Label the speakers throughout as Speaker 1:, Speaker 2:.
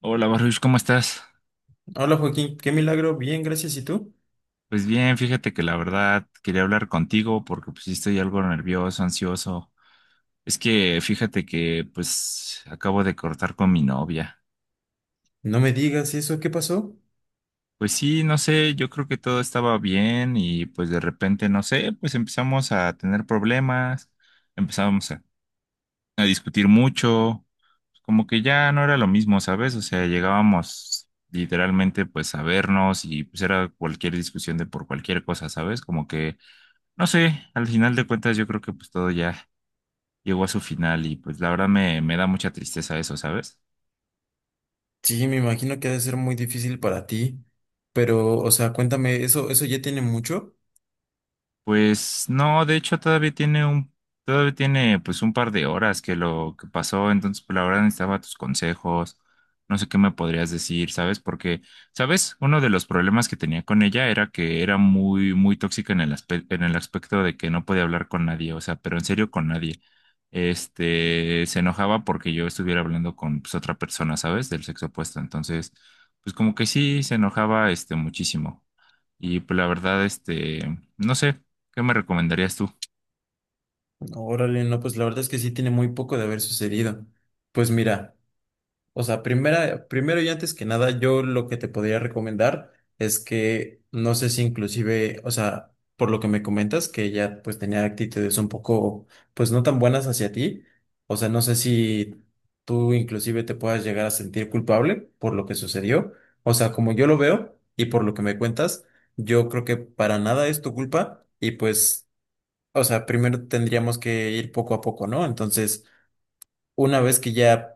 Speaker 1: Hola Baruch, ¿cómo estás?
Speaker 2: Hola Joaquín, qué milagro, bien, gracias. ¿Y tú?
Speaker 1: Pues bien, fíjate que la verdad quería hablar contigo porque pues sí estoy algo nervioso, ansioso. Es que fíjate que pues acabo de cortar con mi novia.
Speaker 2: No me digas eso, ¿qué pasó?
Speaker 1: Pues sí, no sé, yo creo que todo estaba bien y pues de repente, no sé, pues empezamos a tener problemas, empezamos a, a discutir mucho, como que ya no era lo mismo, ¿sabes? O sea, llegábamos literalmente pues a vernos y pues era cualquier discusión de por cualquier cosa, ¿sabes? Como que no sé, al final de cuentas yo creo que pues todo ya llegó a su final y pues me da mucha tristeza eso, ¿sabes?
Speaker 2: Sí, me imagino que ha de ser muy difícil para ti, pero, o sea, cuéntame, ¿eso ya tiene mucho?
Speaker 1: Pues no, de hecho todavía tiene pues un par de horas que lo que pasó, entonces pues, la verdad necesitaba tus consejos, no sé qué me podrías decir, ¿sabes? Porque, ¿sabes? Uno de los problemas que tenía con ella era que era muy, muy tóxica en el aspecto de que no podía hablar con nadie, o sea, pero en serio con nadie. Este, se enojaba porque yo estuviera hablando con pues, otra persona, ¿sabes? Del sexo opuesto, entonces, pues como que sí, se enojaba este muchísimo. Y pues la verdad, este, no sé, ¿qué me recomendarías tú?
Speaker 2: Órale, no, pues la verdad es que sí tiene muy poco de haber sucedido. Pues mira. O sea, primero y antes que nada, yo lo que te podría recomendar es que no sé si inclusive, o sea, por lo que me comentas, que ella pues tenía actitudes un poco, pues no tan buenas hacia ti, o sea, no sé si tú inclusive te puedas llegar a sentir culpable por lo que sucedió, o sea, como yo lo veo y por lo que me cuentas, yo creo que para nada es tu culpa y pues, o sea, primero tendríamos que ir poco a poco, ¿no? Entonces, una vez que ya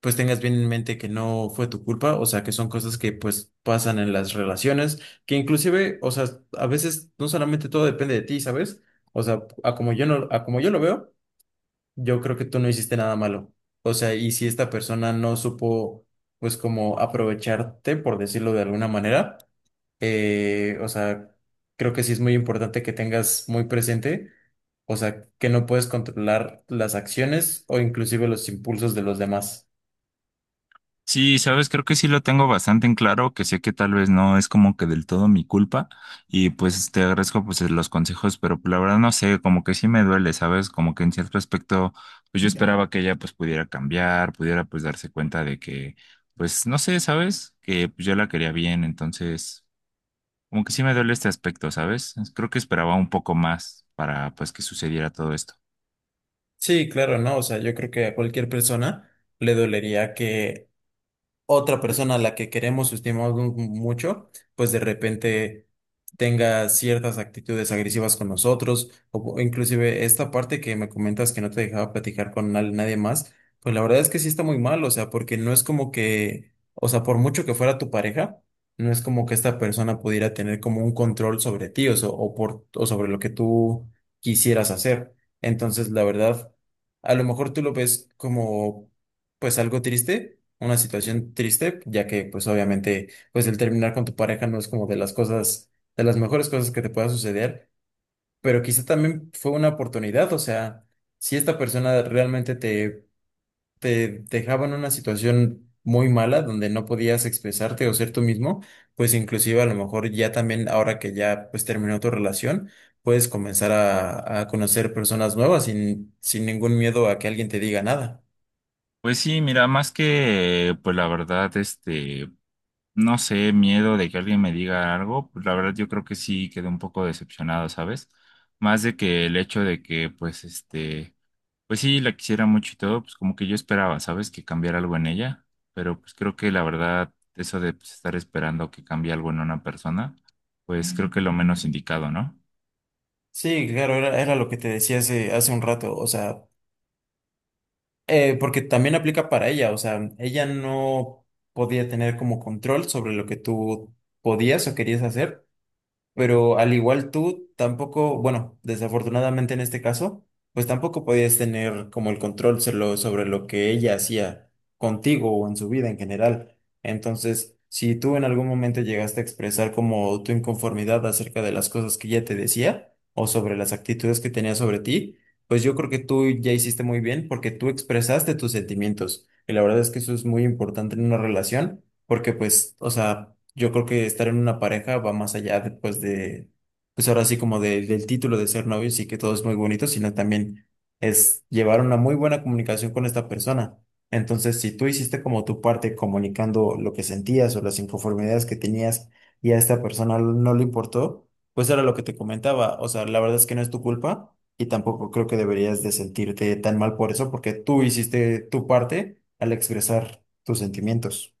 Speaker 2: pues tengas bien en mente que no fue tu culpa, o sea, que son cosas que pues pasan en las relaciones, que inclusive, o sea, a veces no solamente todo depende de ti, ¿sabes? O sea, a como yo no, a como yo lo veo, yo creo que tú no hiciste nada malo. O sea, y si esta persona no supo, pues como aprovecharte, por decirlo de alguna manera, o sea, creo que sí es muy importante que tengas muy presente. O sea, que no puedes controlar las acciones o inclusive los impulsos de los demás.
Speaker 1: Sí, sabes, creo que sí lo tengo bastante en claro, que sé que tal vez no es como que del todo mi culpa y pues te agradezco pues los consejos, pero pues, la verdad no sé, como que sí me duele, ¿sabes? Como que en cierto aspecto, pues yo esperaba que ella pues pudiera cambiar, pudiera pues darse cuenta de que, pues no sé, ¿sabes? Que pues, yo la quería bien, entonces como que sí me duele este aspecto, ¿sabes? Creo que esperaba un poco más para pues que sucediera todo esto.
Speaker 2: Sí, claro, no, o sea, yo creo que a cualquier persona le dolería que otra persona a la que queremos, o estimamos mucho, pues de repente tenga ciertas actitudes agresivas con nosotros, o inclusive esta parte que me comentas que no te dejaba platicar con nadie más, pues la verdad es que sí está muy mal, o sea, porque no es como que, o sea, por mucho que fuera tu pareja, no es como que esta persona pudiera tener como un control sobre ti, o, so- o por, o sobre lo que tú quisieras hacer. Entonces, la verdad, a lo mejor tú lo ves como pues algo triste, una situación triste, ya que pues obviamente pues el terminar con tu pareja no es como de las cosas, de las mejores cosas que te pueda suceder, pero quizá también fue una oportunidad, o sea, si esta persona realmente te dejaba en una situación muy mala donde no podías expresarte o ser tú mismo, pues inclusive a lo mejor ya también ahora que ya pues terminó tu relación, puedes comenzar a conocer personas nuevas sin ningún miedo a que alguien te diga nada.
Speaker 1: Pues sí, mira, pues la verdad, este, no sé, miedo de que alguien me diga algo, pues la verdad yo creo que sí quedé un poco decepcionado, ¿sabes? Más de que el hecho de que, pues, este, pues sí, la quisiera mucho y todo, pues como que yo esperaba, ¿sabes? Que cambiara algo en ella, pero pues creo que la verdad, eso de pues, estar esperando que cambie algo en una persona, pues creo que lo menos indicado, ¿no?
Speaker 2: Sí, claro, era lo que te decía hace un rato, o sea, porque también aplica para ella, o sea, ella no podía tener como control sobre lo que tú podías o querías hacer, pero al igual tú, tampoco, bueno, desafortunadamente en este caso, pues tampoco podías tener como el control solo sobre lo que ella hacía contigo o en su vida en general. Entonces, si tú en algún momento llegaste a expresar como tu inconformidad acerca de las cosas que ella te decía o sobre las actitudes que tenía sobre ti, pues yo creo que tú ya hiciste muy bien porque tú expresaste tus sentimientos. Y la verdad es que eso es muy importante en una relación porque pues, o sea, yo creo que estar en una pareja va más allá después de, pues ahora sí como del título de ser novios y que todo es muy bonito, sino también es llevar una muy buena comunicación con esta persona. Entonces, si tú hiciste como tu parte comunicando lo que sentías o las inconformidades que tenías y a esta persona no le importó, pues era lo que te comentaba. O sea, la verdad es que no es tu culpa y tampoco creo que deberías de sentirte tan mal por eso porque tú hiciste tu parte al expresar tus sentimientos.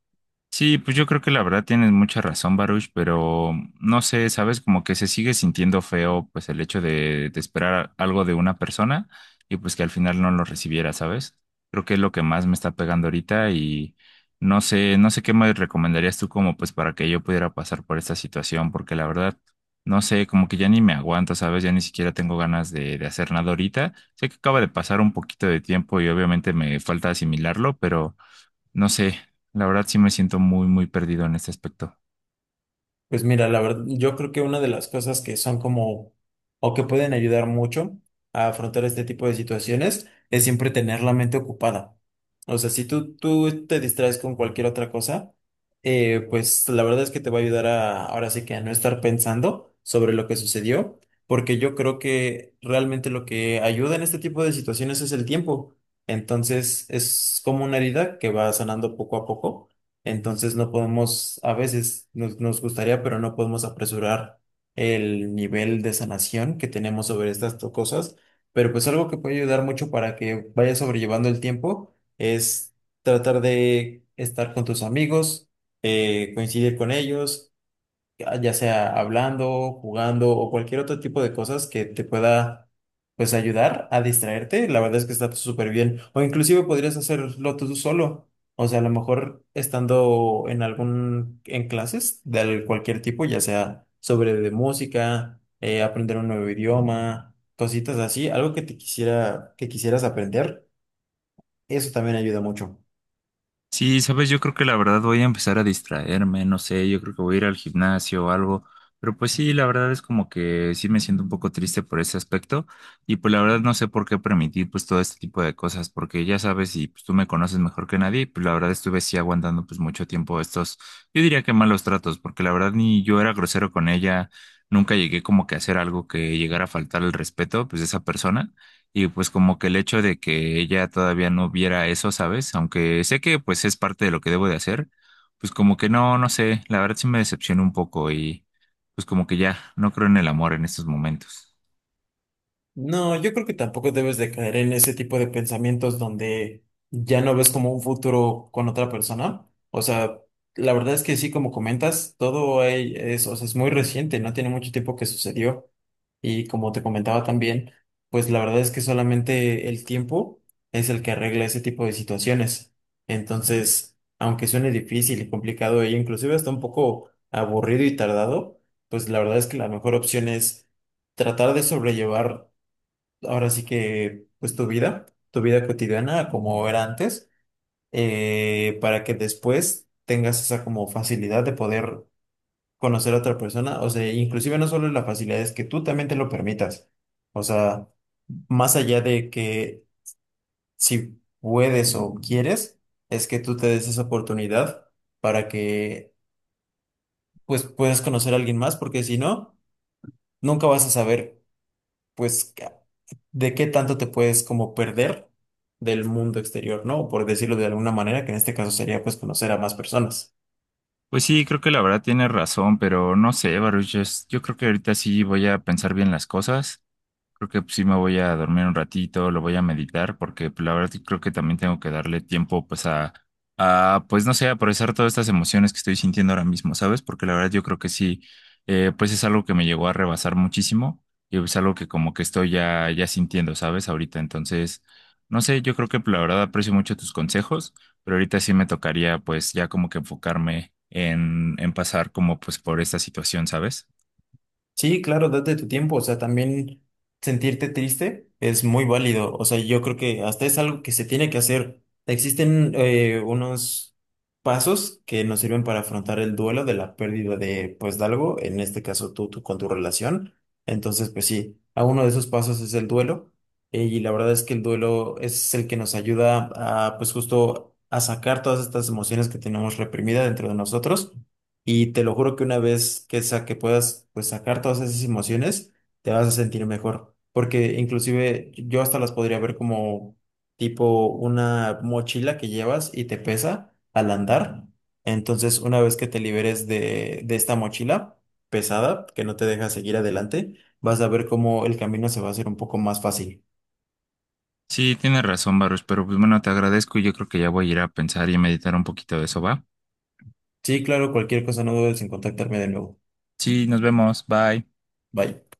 Speaker 1: Sí, pues yo creo que la verdad tienes mucha razón, Baruch, pero no sé, sabes, como que se sigue sintiendo feo, pues de esperar algo de una persona y pues que al final no lo recibiera, ¿sabes? Creo que es lo que más me está pegando ahorita y no sé, no sé qué me recomendarías tú como pues para que yo pudiera pasar por esta situación, porque la verdad, no sé, como que ya ni me aguanto, ¿sabes? Ya ni siquiera tengo ganas de hacer nada ahorita. Sé que acaba de pasar un poquito de tiempo y obviamente me falta asimilarlo, pero no sé, la verdad sí me siento muy, muy perdido en este aspecto.
Speaker 2: Pues mira, la verdad, yo creo que una de las cosas que son como, o que pueden ayudar mucho a afrontar este tipo de situaciones, es siempre tener la mente ocupada. O sea, si tú te distraes con cualquier otra cosa, pues la verdad es que te va a ayudar a, ahora sí que a no estar pensando sobre lo que sucedió, porque yo creo que realmente lo que ayuda en este tipo de situaciones es el tiempo. Entonces, es como una herida que va sanando poco a poco, entonces no podemos, a veces nos gustaría, pero no podemos apresurar el nivel de sanación que tenemos sobre estas cosas. Pero pues algo que puede ayudar mucho para que vayas sobrellevando el tiempo es tratar de estar con tus amigos, coincidir con ellos ya sea hablando, jugando o cualquier otro tipo de cosas que te pueda pues ayudar a distraerte, la verdad es que está súper bien. O inclusive podrías hacerlo tú solo. O sea, a lo mejor estando en en clases de cualquier tipo, ya sea sobre de música, aprender un nuevo idioma, cositas así, algo que que quisieras aprender, eso también ayuda mucho.
Speaker 1: Sí, sabes, yo creo que la verdad voy a empezar a distraerme, no sé, yo creo que voy a ir al gimnasio o algo, pero pues sí, la verdad es como que sí me siento un poco triste por ese aspecto y pues la verdad no sé por qué permitir pues todo este tipo de cosas, porque ya sabes y pues tú me conoces mejor que nadie, y, pues la verdad estuve sí aguantando pues mucho tiempo estos, yo diría que malos tratos, porque la verdad ni yo era grosero con ella, nunca llegué como que a hacer algo que llegara a faltar el respeto pues de esa persona. Y pues como que el hecho de que ella todavía no viera eso, ¿sabes? Aunque sé que pues es parte de lo que debo de hacer, pues como que no, no sé, la verdad sí me decepcionó un poco y pues como que ya no creo en el amor en estos momentos.
Speaker 2: No, yo creo que tampoco debes de caer en ese tipo de pensamientos donde ya no ves como un futuro con otra persona. O sea, la verdad es que sí, como comentas, todo ahí es, o sea, es muy reciente, no tiene mucho tiempo que sucedió. Y como te comentaba también, pues la verdad es que solamente el tiempo es el que arregla ese tipo de situaciones. Entonces, aunque suene difícil y complicado e inclusive hasta un poco aburrido y tardado, pues la verdad es que la mejor opción es tratar de sobrellevar ahora sí que, pues tu vida cotidiana como era antes, para que después tengas esa como facilidad de poder conocer a otra persona, o sea, inclusive no solo la facilidad, es que tú también te lo permitas, o sea, más allá de que si puedes o quieres, es que tú te des esa oportunidad para que, pues, puedas conocer a alguien más, porque si no, nunca vas a saber, pues, de qué tanto te puedes como perder del mundo exterior, ¿no? Por decirlo de alguna manera, que en este caso sería pues conocer a más personas.
Speaker 1: Pues sí, creo que la verdad tiene razón, pero no sé, Baruch, es yo creo que ahorita sí voy a pensar bien las cosas. Creo que sí me voy a dormir un ratito, lo voy a meditar, porque pues, la verdad que creo que también tengo que darle tiempo, pues, a, pues, no sé, a procesar todas estas emociones que estoy sintiendo ahora mismo, ¿sabes? Porque la verdad yo creo que sí, pues es algo que me llegó a rebasar muchísimo y es algo que como que estoy ya, ya sintiendo, ¿sabes? Ahorita, entonces, no sé, yo creo que pues, la verdad aprecio mucho tus consejos, pero ahorita sí me tocaría, pues, ya como que enfocarme en pasar como, pues, por esta situación, ¿sabes?
Speaker 2: Sí, claro, date tu tiempo, o sea, también sentirte triste es muy válido, o sea, yo creo que hasta es algo que se tiene que hacer. Existen unos pasos que nos sirven para afrontar el duelo de la pérdida de, pues, de algo, en este caso tú con tu relación. Entonces, pues sí, a uno de esos pasos es el duelo, y la verdad es que el duelo es el que nos ayuda a, pues, justo a sacar todas estas emociones que tenemos reprimidas dentro de nosotros y te lo juro que una vez que, que puedas pues, sacar todas esas emociones, te vas a sentir mejor. Porque inclusive yo hasta las podría ver como tipo una mochila que llevas y te pesa al andar. Entonces, una vez que te liberes de esta mochila pesada, que no te deja seguir adelante, vas a ver cómo el camino se va a hacer un poco más fácil.
Speaker 1: Sí, tienes razón, Baruch, pero pues bueno, te agradezco y yo creo que ya voy a ir a pensar y a meditar un poquito de eso, ¿va?
Speaker 2: Sí, claro, cualquier cosa no dudes en contactarme de nuevo.
Speaker 1: Sí, nos vemos, bye.
Speaker 2: Bye.